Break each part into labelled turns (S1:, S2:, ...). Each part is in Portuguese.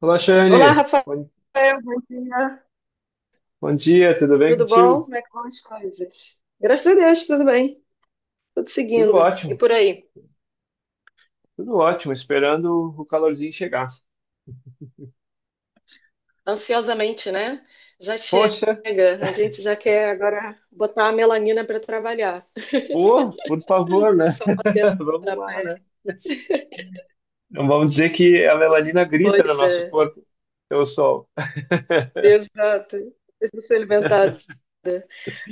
S1: Olá,
S2: Olá,
S1: Shane.
S2: Rafael,
S1: Bom,
S2: bom dia.
S1: bom dia, tudo bem
S2: Tudo bom?
S1: contigo?
S2: Como é que vão as coisas? Graças a Deus, tudo bem. Tudo
S1: Tudo
S2: seguindo. E
S1: ótimo,
S2: por aí?
S1: tudo ótimo, esperando o calorzinho chegar.
S2: Ansiosamente, né? Já chega.
S1: Poxa,
S2: A gente já quer agora botar a melanina para trabalhar.
S1: pô, por favor,
S2: O
S1: né?
S2: sol batendo
S1: Vamos
S2: na
S1: lá,
S2: pele.
S1: né? Não vamos dizer que a melanina grita no
S2: Pois
S1: nosso
S2: é.
S1: corpo, pelo sol.
S2: Exato. Precisa se alimentar.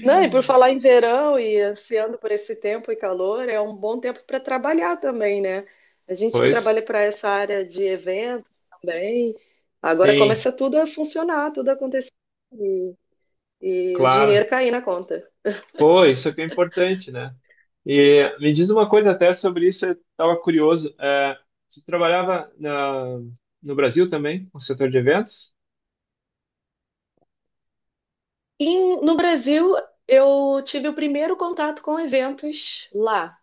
S2: Não, e por falar em verão e ansiando por esse tempo e calor, é um bom tempo para trabalhar também, né? A gente que
S1: Pois,
S2: trabalha para essa área de eventos também, agora
S1: sim,
S2: começa tudo a funcionar, tudo a acontecer e, e o
S1: claro.
S2: dinheiro cair na conta.
S1: Pô, isso é que é importante, né? E me diz uma coisa até sobre isso, eu estava curioso. Você trabalhava no Brasil também, no setor de eventos?
S2: E no Brasil, eu tive o primeiro contato com eventos lá,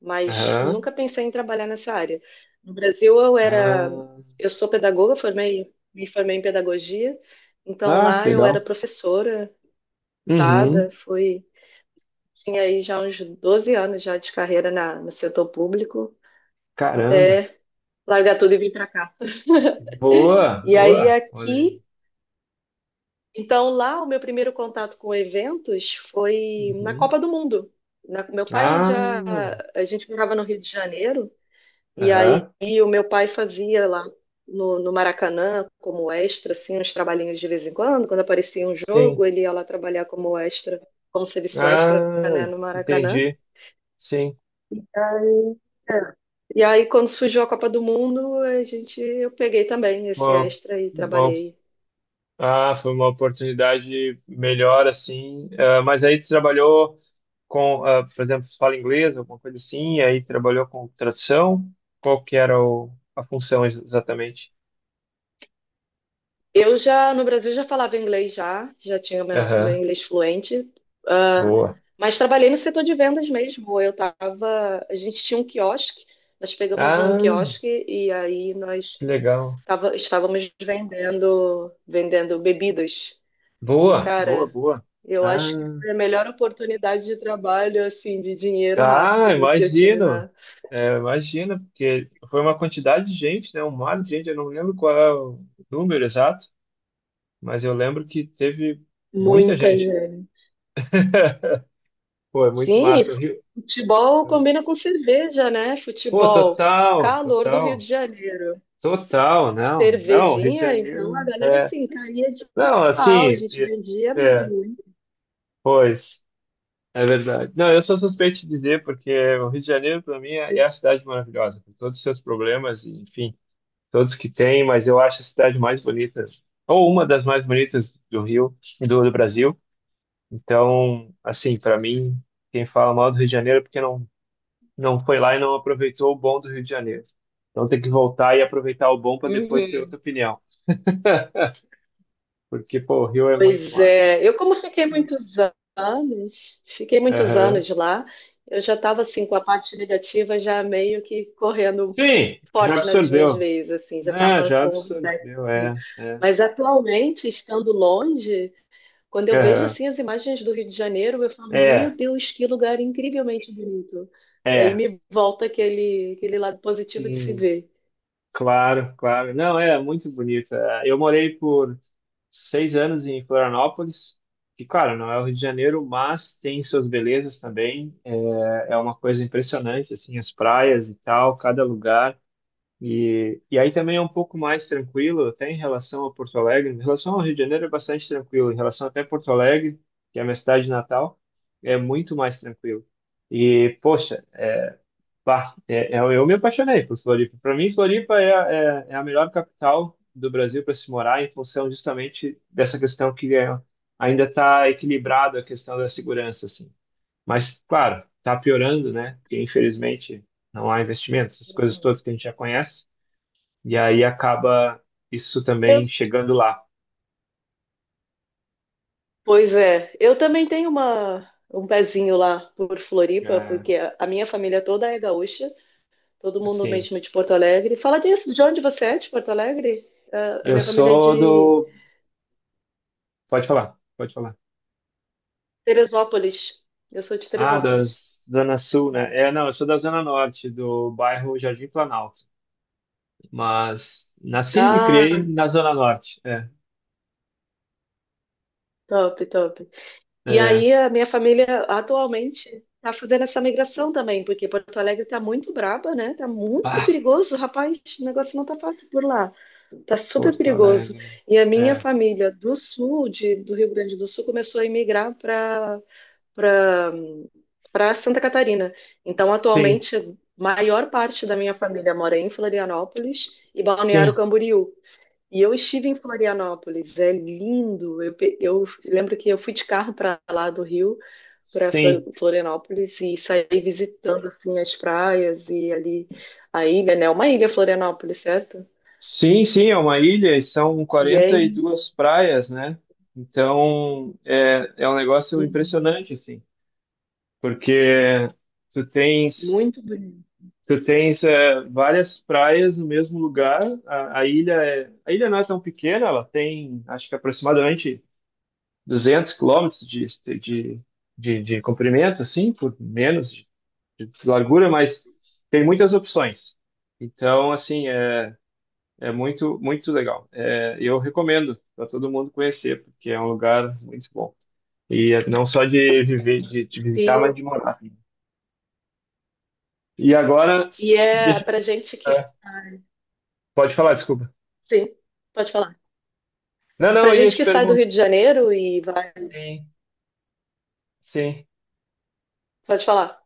S2: mas
S1: Aham.
S2: nunca pensei em trabalhar nessa área. No Brasil, eu era,
S1: Ah,
S2: eu sou pedagoga, formei, me formei em pedagogia, então
S1: ah, que
S2: lá eu era
S1: legal.
S2: professora passada,
S1: Uhum.
S2: fui, tinha aí já uns 12 anos já de carreira no setor público,
S1: Caramba.
S2: até largar tudo e vir para cá.
S1: Boa,
S2: E aí
S1: boa. Olha
S2: aqui,
S1: aí.
S2: então lá o meu primeiro contato com eventos foi na
S1: Uhum.
S2: Copa do Mundo. Meu pai
S1: Ah,
S2: já, a gente morava no Rio de Janeiro, e aí
S1: aham.
S2: o meu pai fazia lá no Maracanã como extra, assim, uns trabalhinhos de vez em quando, quando aparecia um
S1: Sim.
S2: jogo, ele ia lá trabalhar como extra, como serviço extra, né,
S1: Ah,
S2: no Maracanã.
S1: entendi. Sim.
S2: É. E aí, quando surgiu a Copa do Mundo, a gente, eu peguei também esse
S1: Uma,
S2: extra e
S1: uma-
S2: trabalhei.
S1: ah, foi uma oportunidade melhor, assim. Ah, mas aí tu trabalhou com, por exemplo, tu fala inglês, alguma coisa assim, e aí trabalhou com tradução. Qual que era a função exatamente?
S2: Eu já, no Brasil, já falava inglês já, já tinha meu, meu
S1: Aham.
S2: inglês fluente, ah,
S1: Boa.
S2: mas trabalhei no setor de vendas mesmo. Eu tava, a gente tinha um quiosque, nós pegamos um
S1: Ah,
S2: quiosque e aí nós
S1: que legal.
S2: tava, estávamos vendendo, vendendo bebidas. E,
S1: Boa, boa,
S2: cara,
S1: boa.
S2: eu acho que
S1: Ah,
S2: foi a melhor oportunidade de trabalho, assim, de dinheiro
S1: ah,
S2: rápido que eu tive.
S1: imagino. É, imagino, porque foi uma quantidade de gente, né? Um mar de gente, eu não lembro qual é o número exato, mas eu lembro que teve muita
S2: Muita
S1: gente.
S2: gente.
S1: Pô, é muito
S2: Sim,
S1: massa. O Rio...
S2: futebol combina com cerveja, né?
S1: Pô,
S2: Futebol,
S1: total,
S2: calor do Rio de
S1: total,
S2: Janeiro.
S1: total, não, não, Rio de
S2: Cervejinha, então a
S1: Janeiro,
S2: galera assim caía de
S1: não,
S2: pau, a
S1: assim,
S2: gente vendia
S1: é,
S2: muito.
S1: pois, é verdade. Não, eu sou suspeito de dizer, porque o Rio de Janeiro, para mim, é a cidade maravilhosa, com todos os seus problemas, e, enfim, todos que tem, mas eu acho a cidade mais bonita, ou uma das mais bonitas do Rio do Brasil. Então, assim, para mim, quem fala mal do Rio de Janeiro é porque não, não foi lá e não aproveitou o bom do Rio de Janeiro. Então tem que voltar e aproveitar o bom para depois ter
S2: Uhum.
S1: outra opinião, porque, pô, o Rio é muito
S2: Pois
S1: massa.
S2: é, eu como fiquei muitos
S1: Aham.
S2: anos lá, eu já estava assim com a parte negativa já meio que correndo
S1: Sim, já
S2: forte nas minhas
S1: absorveu.
S2: veias, assim, já
S1: Né,
S2: estava
S1: já
S2: com o back,
S1: absorveu,
S2: assim.
S1: é, é.
S2: Mas atualmente, estando longe, quando eu vejo
S1: Aham.
S2: assim as imagens do Rio de Janeiro, eu falo, meu
S1: É,
S2: Deus, que lugar incrivelmente bonito. É. E
S1: é,
S2: me volta aquele, aquele lado positivo de se
S1: sim.
S2: ver.
S1: Claro, claro. Não, é muito bonita. Eu morei por seis anos em Florianópolis, e claro, não é o Rio de Janeiro, mas tem suas belezas também. É, é uma coisa impressionante, assim, as praias e tal, cada lugar. E aí também é um pouco mais tranquilo, até em relação a Porto Alegre. Em relação ao Rio de Janeiro é bastante tranquilo, em relação até a Porto Alegre, que é a minha cidade natal, é muito mais tranquilo. E, poxa, pá, eu me apaixonei por Floripa. Para mim, Floripa é, é a melhor capital do Brasil para se morar, em função justamente dessa questão ainda está equilibrada a questão da segurança, assim. Mas, claro, está piorando, né? Porque, infelizmente, não há investimentos, essas coisas todas que a gente já conhece. E aí acaba isso também
S2: Eu,
S1: chegando lá.
S2: pois é, eu também tenho uma, um pezinho lá por Floripa,
S1: É,
S2: porque a minha família toda é gaúcha, todo mundo
S1: assim,
S2: mesmo de Porto Alegre. Fala disso, de onde você é, de Porto Alegre? É, a
S1: eu
S2: minha família é
S1: sou
S2: de
S1: do... Pode falar, pode falar.
S2: Teresópolis. Eu sou de
S1: Ah, da
S2: Teresópolis.
S1: Zona Sul, né? É, não, eu sou da Zona Norte, do bairro Jardim Planalto. Mas nasci e me criei
S2: Ah,
S1: na Zona Norte. É,
S2: top, top. E aí
S1: é.
S2: a minha família atualmente está fazendo essa migração também, porque Porto Alegre está muito braba, né? Tá muito
S1: Ah,
S2: perigoso, rapaz, o negócio não tá fácil por lá. Tá super
S1: Porto
S2: perigoso.
S1: Alegre.
S2: E a minha
S1: É,
S2: família do sul, do Rio Grande do Sul, começou a emigrar para para Santa Catarina. Então,
S1: sim,
S2: atualmente, a maior parte da minha família mora em Florianópolis e Balneário
S1: sim,
S2: Camboriú. E eu estive em Florianópolis, é lindo. Eu, eu lembro que eu fui de carro para lá do Rio para
S1: sim.
S2: Florianópolis e sair visitando assim as praias e ali a ilha, né? Uma ilha Florianópolis, certo?
S1: Sim, sim, é uma ilha e são
S2: E é
S1: 42 praias, né? Então, é, é um negócio
S2: mu-
S1: impressionante, assim, porque tu tens
S2: muito bonito.
S1: tu tens é, várias praias no mesmo lugar. A ilha é, a ilha não é tão pequena, ela tem, acho que aproximadamente 200 quilômetros de, de comprimento, assim, por menos de largura, mas tem muitas opções. Então, assim, é, é muito, muito legal. É, eu recomendo para todo mundo conhecer, porque é um lugar muito bom. E é não só de viver, de
S2: Sim,
S1: visitar, mas de morar. E agora,
S2: e é
S1: deixa,
S2: para gente que
S1: é, pode falar, desculpa.
S2: sim, pode falar.
S1: Não,
S2: Para
S1: não, eu ia
S2: gente
S1: te
S2: que sai do
S1: perguntar.
S2: Rio de Janeiro e vai,
S1: Sim, sim,
S2: pode falar.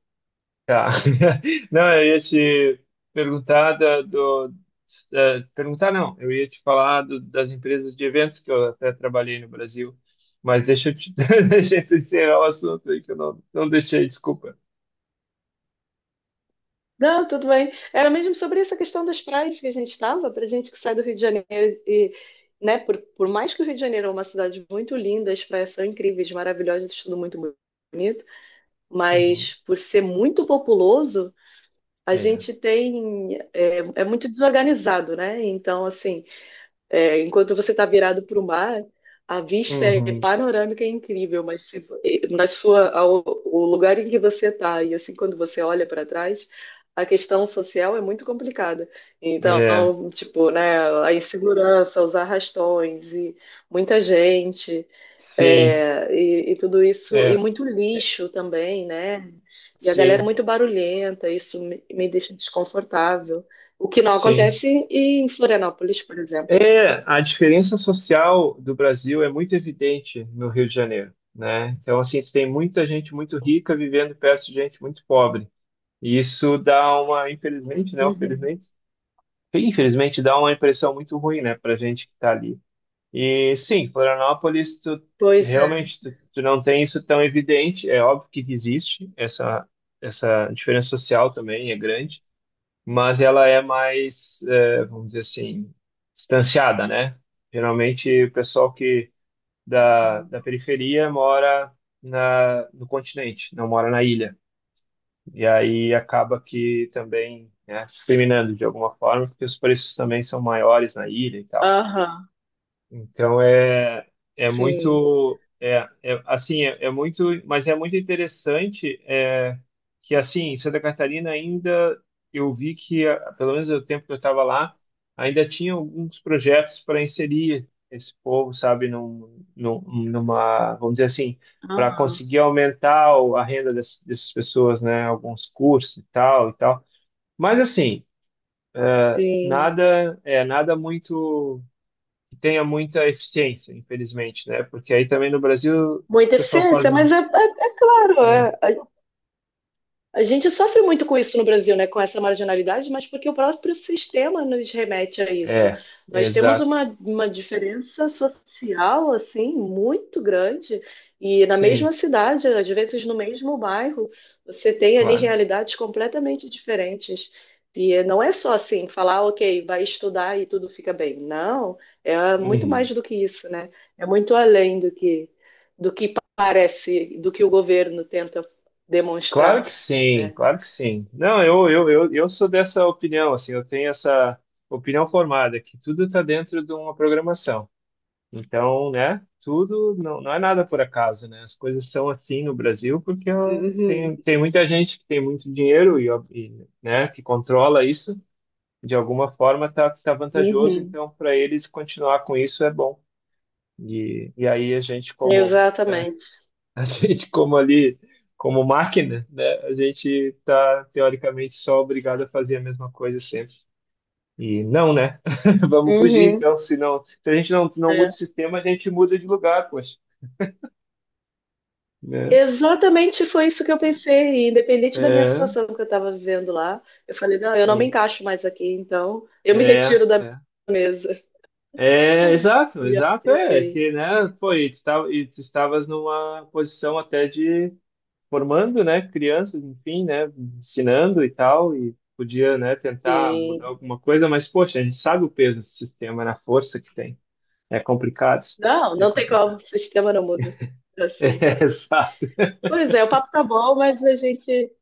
S1: tá. Não, eu ia te perguntar perguntar não, eu ia te falar das empresas de eventos que eu até trabalhei no Brasil, mas deixa eu te, deixa eu te encerrar o assunto aí que eu não, não deixei, desculpa.
S2: Não, tudo bem. Era mesmo sobre essa questão das praias que a gente estava, para gente que sai do Rio de Janeiro e, né, por mais que o Rio de Janeiro é uma cidade muito linda, as praias são incríveis, maravilhosas, tudo muito,
S1: Uhum,
S2: mas por ser muito populoso, a
S1: é,
S2: gente tem é, é muito desorganizado, né? Então, assim, é, enquanto você está virado para o mar, a vista é
S1: uhum,
S2: panorâmica, é incrível, mas se, na sua o lugar em que você está e assim quando você olha para trás, a questão social é muito complicada. Então,
S1: é,
S2: tipo, né, a insegurança, os arrastões e muita gente.
S1: sim,
S2: É, e tudo isso,
S1: é,
S2: e muito lixo também, né? E a galera é
S1: sim,
S2: muito barulhenta, isso me, me deixa desconfortável. O que não
S1: sim.
S2: acontece em Florianópolis, por exemplo.
S1: É, a diferença social do Brasil é muito evidente no Rio de Janeiro, né? Então, assim, você tem muita gente muito rica vivendo perto de gente muito pobre. E isso dá uma, infelizmente, né?
S2: Uhum.
S1: Infelizmente, infelizmente dá uma impressão muito ruim, né, para gente que está ali. E sim, Florianópolis, tu,
S2: Pois é.
S1: realmente tu não tem isso tão evidente. É óbvio que existe essa essa diferença social também é grande, mas ela é mais, é, vamos dizer assim, distanciada, né? Geralmente o pessoal que da periferia mora no continente, não mora na ilha. E aí acaba que também, né, discriminando de alguma forma, porque os preços também são maiores na ilha e tal.
S2: Aham,
S1: Então é, é
S2: sim.
S1: muito é, é assim é, é muito mas é muito interessante é, que assim em Santa Catarina ainda eu vi pelo menos no tempo que eu estava lá ainda tinha alguns projetos para inserir esse povo sabe numa vamos dizer assim para
S2: Aham,
S1: conseguir aumentar a renda dessas pessoas, né, alguns cursos e tal mas assim
S2: sim.
S1: nada é nada muito que tenha muita eficiência, infelizmente, né? Porque aí também no Brasil o
S2: Muita
S1: pessoal quase.
S2: eficiência, mas é, é, é claro,
S1: É,
S2: é, a gente sofre muito com isso no Brasil, né? Com essa marginalidade, mas porque o próprio sistema nos remete a isso.
S1: é,
S2: Nós temos
S1: exato.
S2: uma diferença social, assim, muito grande. E na mesma
S1: Sim,
S2: cidade, às vezes no mesmo bairro, você tem ali
S1: claro.
S2: realidades completamente diferentes. E não é só assim, falar, ok, vai estudar e tudo fica bem. Não, é muito mais
S1: Uhum.
S2: do que isso, né? É muito além do que parece, do que o governo tenta
S1: Claro
S2: demonstrar.
S1: que sim,
S2: É.
S1: claro que sim. Não, eu sou dessa opinião, assim, eu tenho essa opinião formada, que tudo está dentro de uma programação. Então, né, tudo não, não é nada por acaso, né? As coisas são assim no Brasil porque ó,
S2: Uhum.
S1: tem muita gente que tem muito dinheiro e, ó, e, né, que controla isso de alguma forma está tá tá vantajoso,
S2: Uhum.
S1: então para eles continuar com isso é bom. E aí a gente como, né,
S2: Exatamente.
S1: a gente como ali, como máquina, né, a gente está teoricamente só obrigado a fazer a mesma coisa sempre. E não, né? Vamos fugir,
S2: Uhum.
S1: então, se não, se a gente não, não muda o
S2: É.
S1: sistema, a gente muda de lugar, poxa, né?
S2: Exatamente foi isso que eu pensei, independente da minha
S1: É,
S2: situação que eu estava vivendo lá. Eu falei, não, eu não me
S1: sim.
S2: encaixo mais aqui, então eu me
S1: É,
S2: retiro da
S1: é.
S2: mesa.
S1: É, exato,
S2: E eu
S1: exato, é
S2: deixei.
S1: que, né, pô, e tu estavas numa posição até de, formando, né, crianças, enfim, né, ensinando e tal, e podia, né, tentar mudar
S2: Sim.
S1: alguma coisa, mas, poxa, a gente sabe o peso do sistema, na força que tem. É complicado,
S2: Não,
S1: é
S2: não tem como, o
S1: complicado.
S2: sistema não muda.
S1: É,
S2: Assim.
S1: exato.
S2: Pois é, o papo tá bom, mas a gente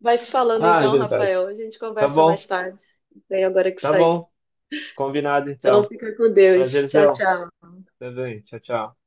S2: vai se falando
S1: Ah, é
S2: então,
S1: verdade.
S2: Rafael. A gente
S1: Tá
S2: conversa mais
S1: bom,
S2: tarde. Tenho agora que
S1: tá
S2: sair.
S1: bom. Combinado,
S2: Então
S1: então.
S2: fica com Deus. Tchau,
S1: Prazerzão.
S2: tchau.
S1: Tá bem, tchau, tchau.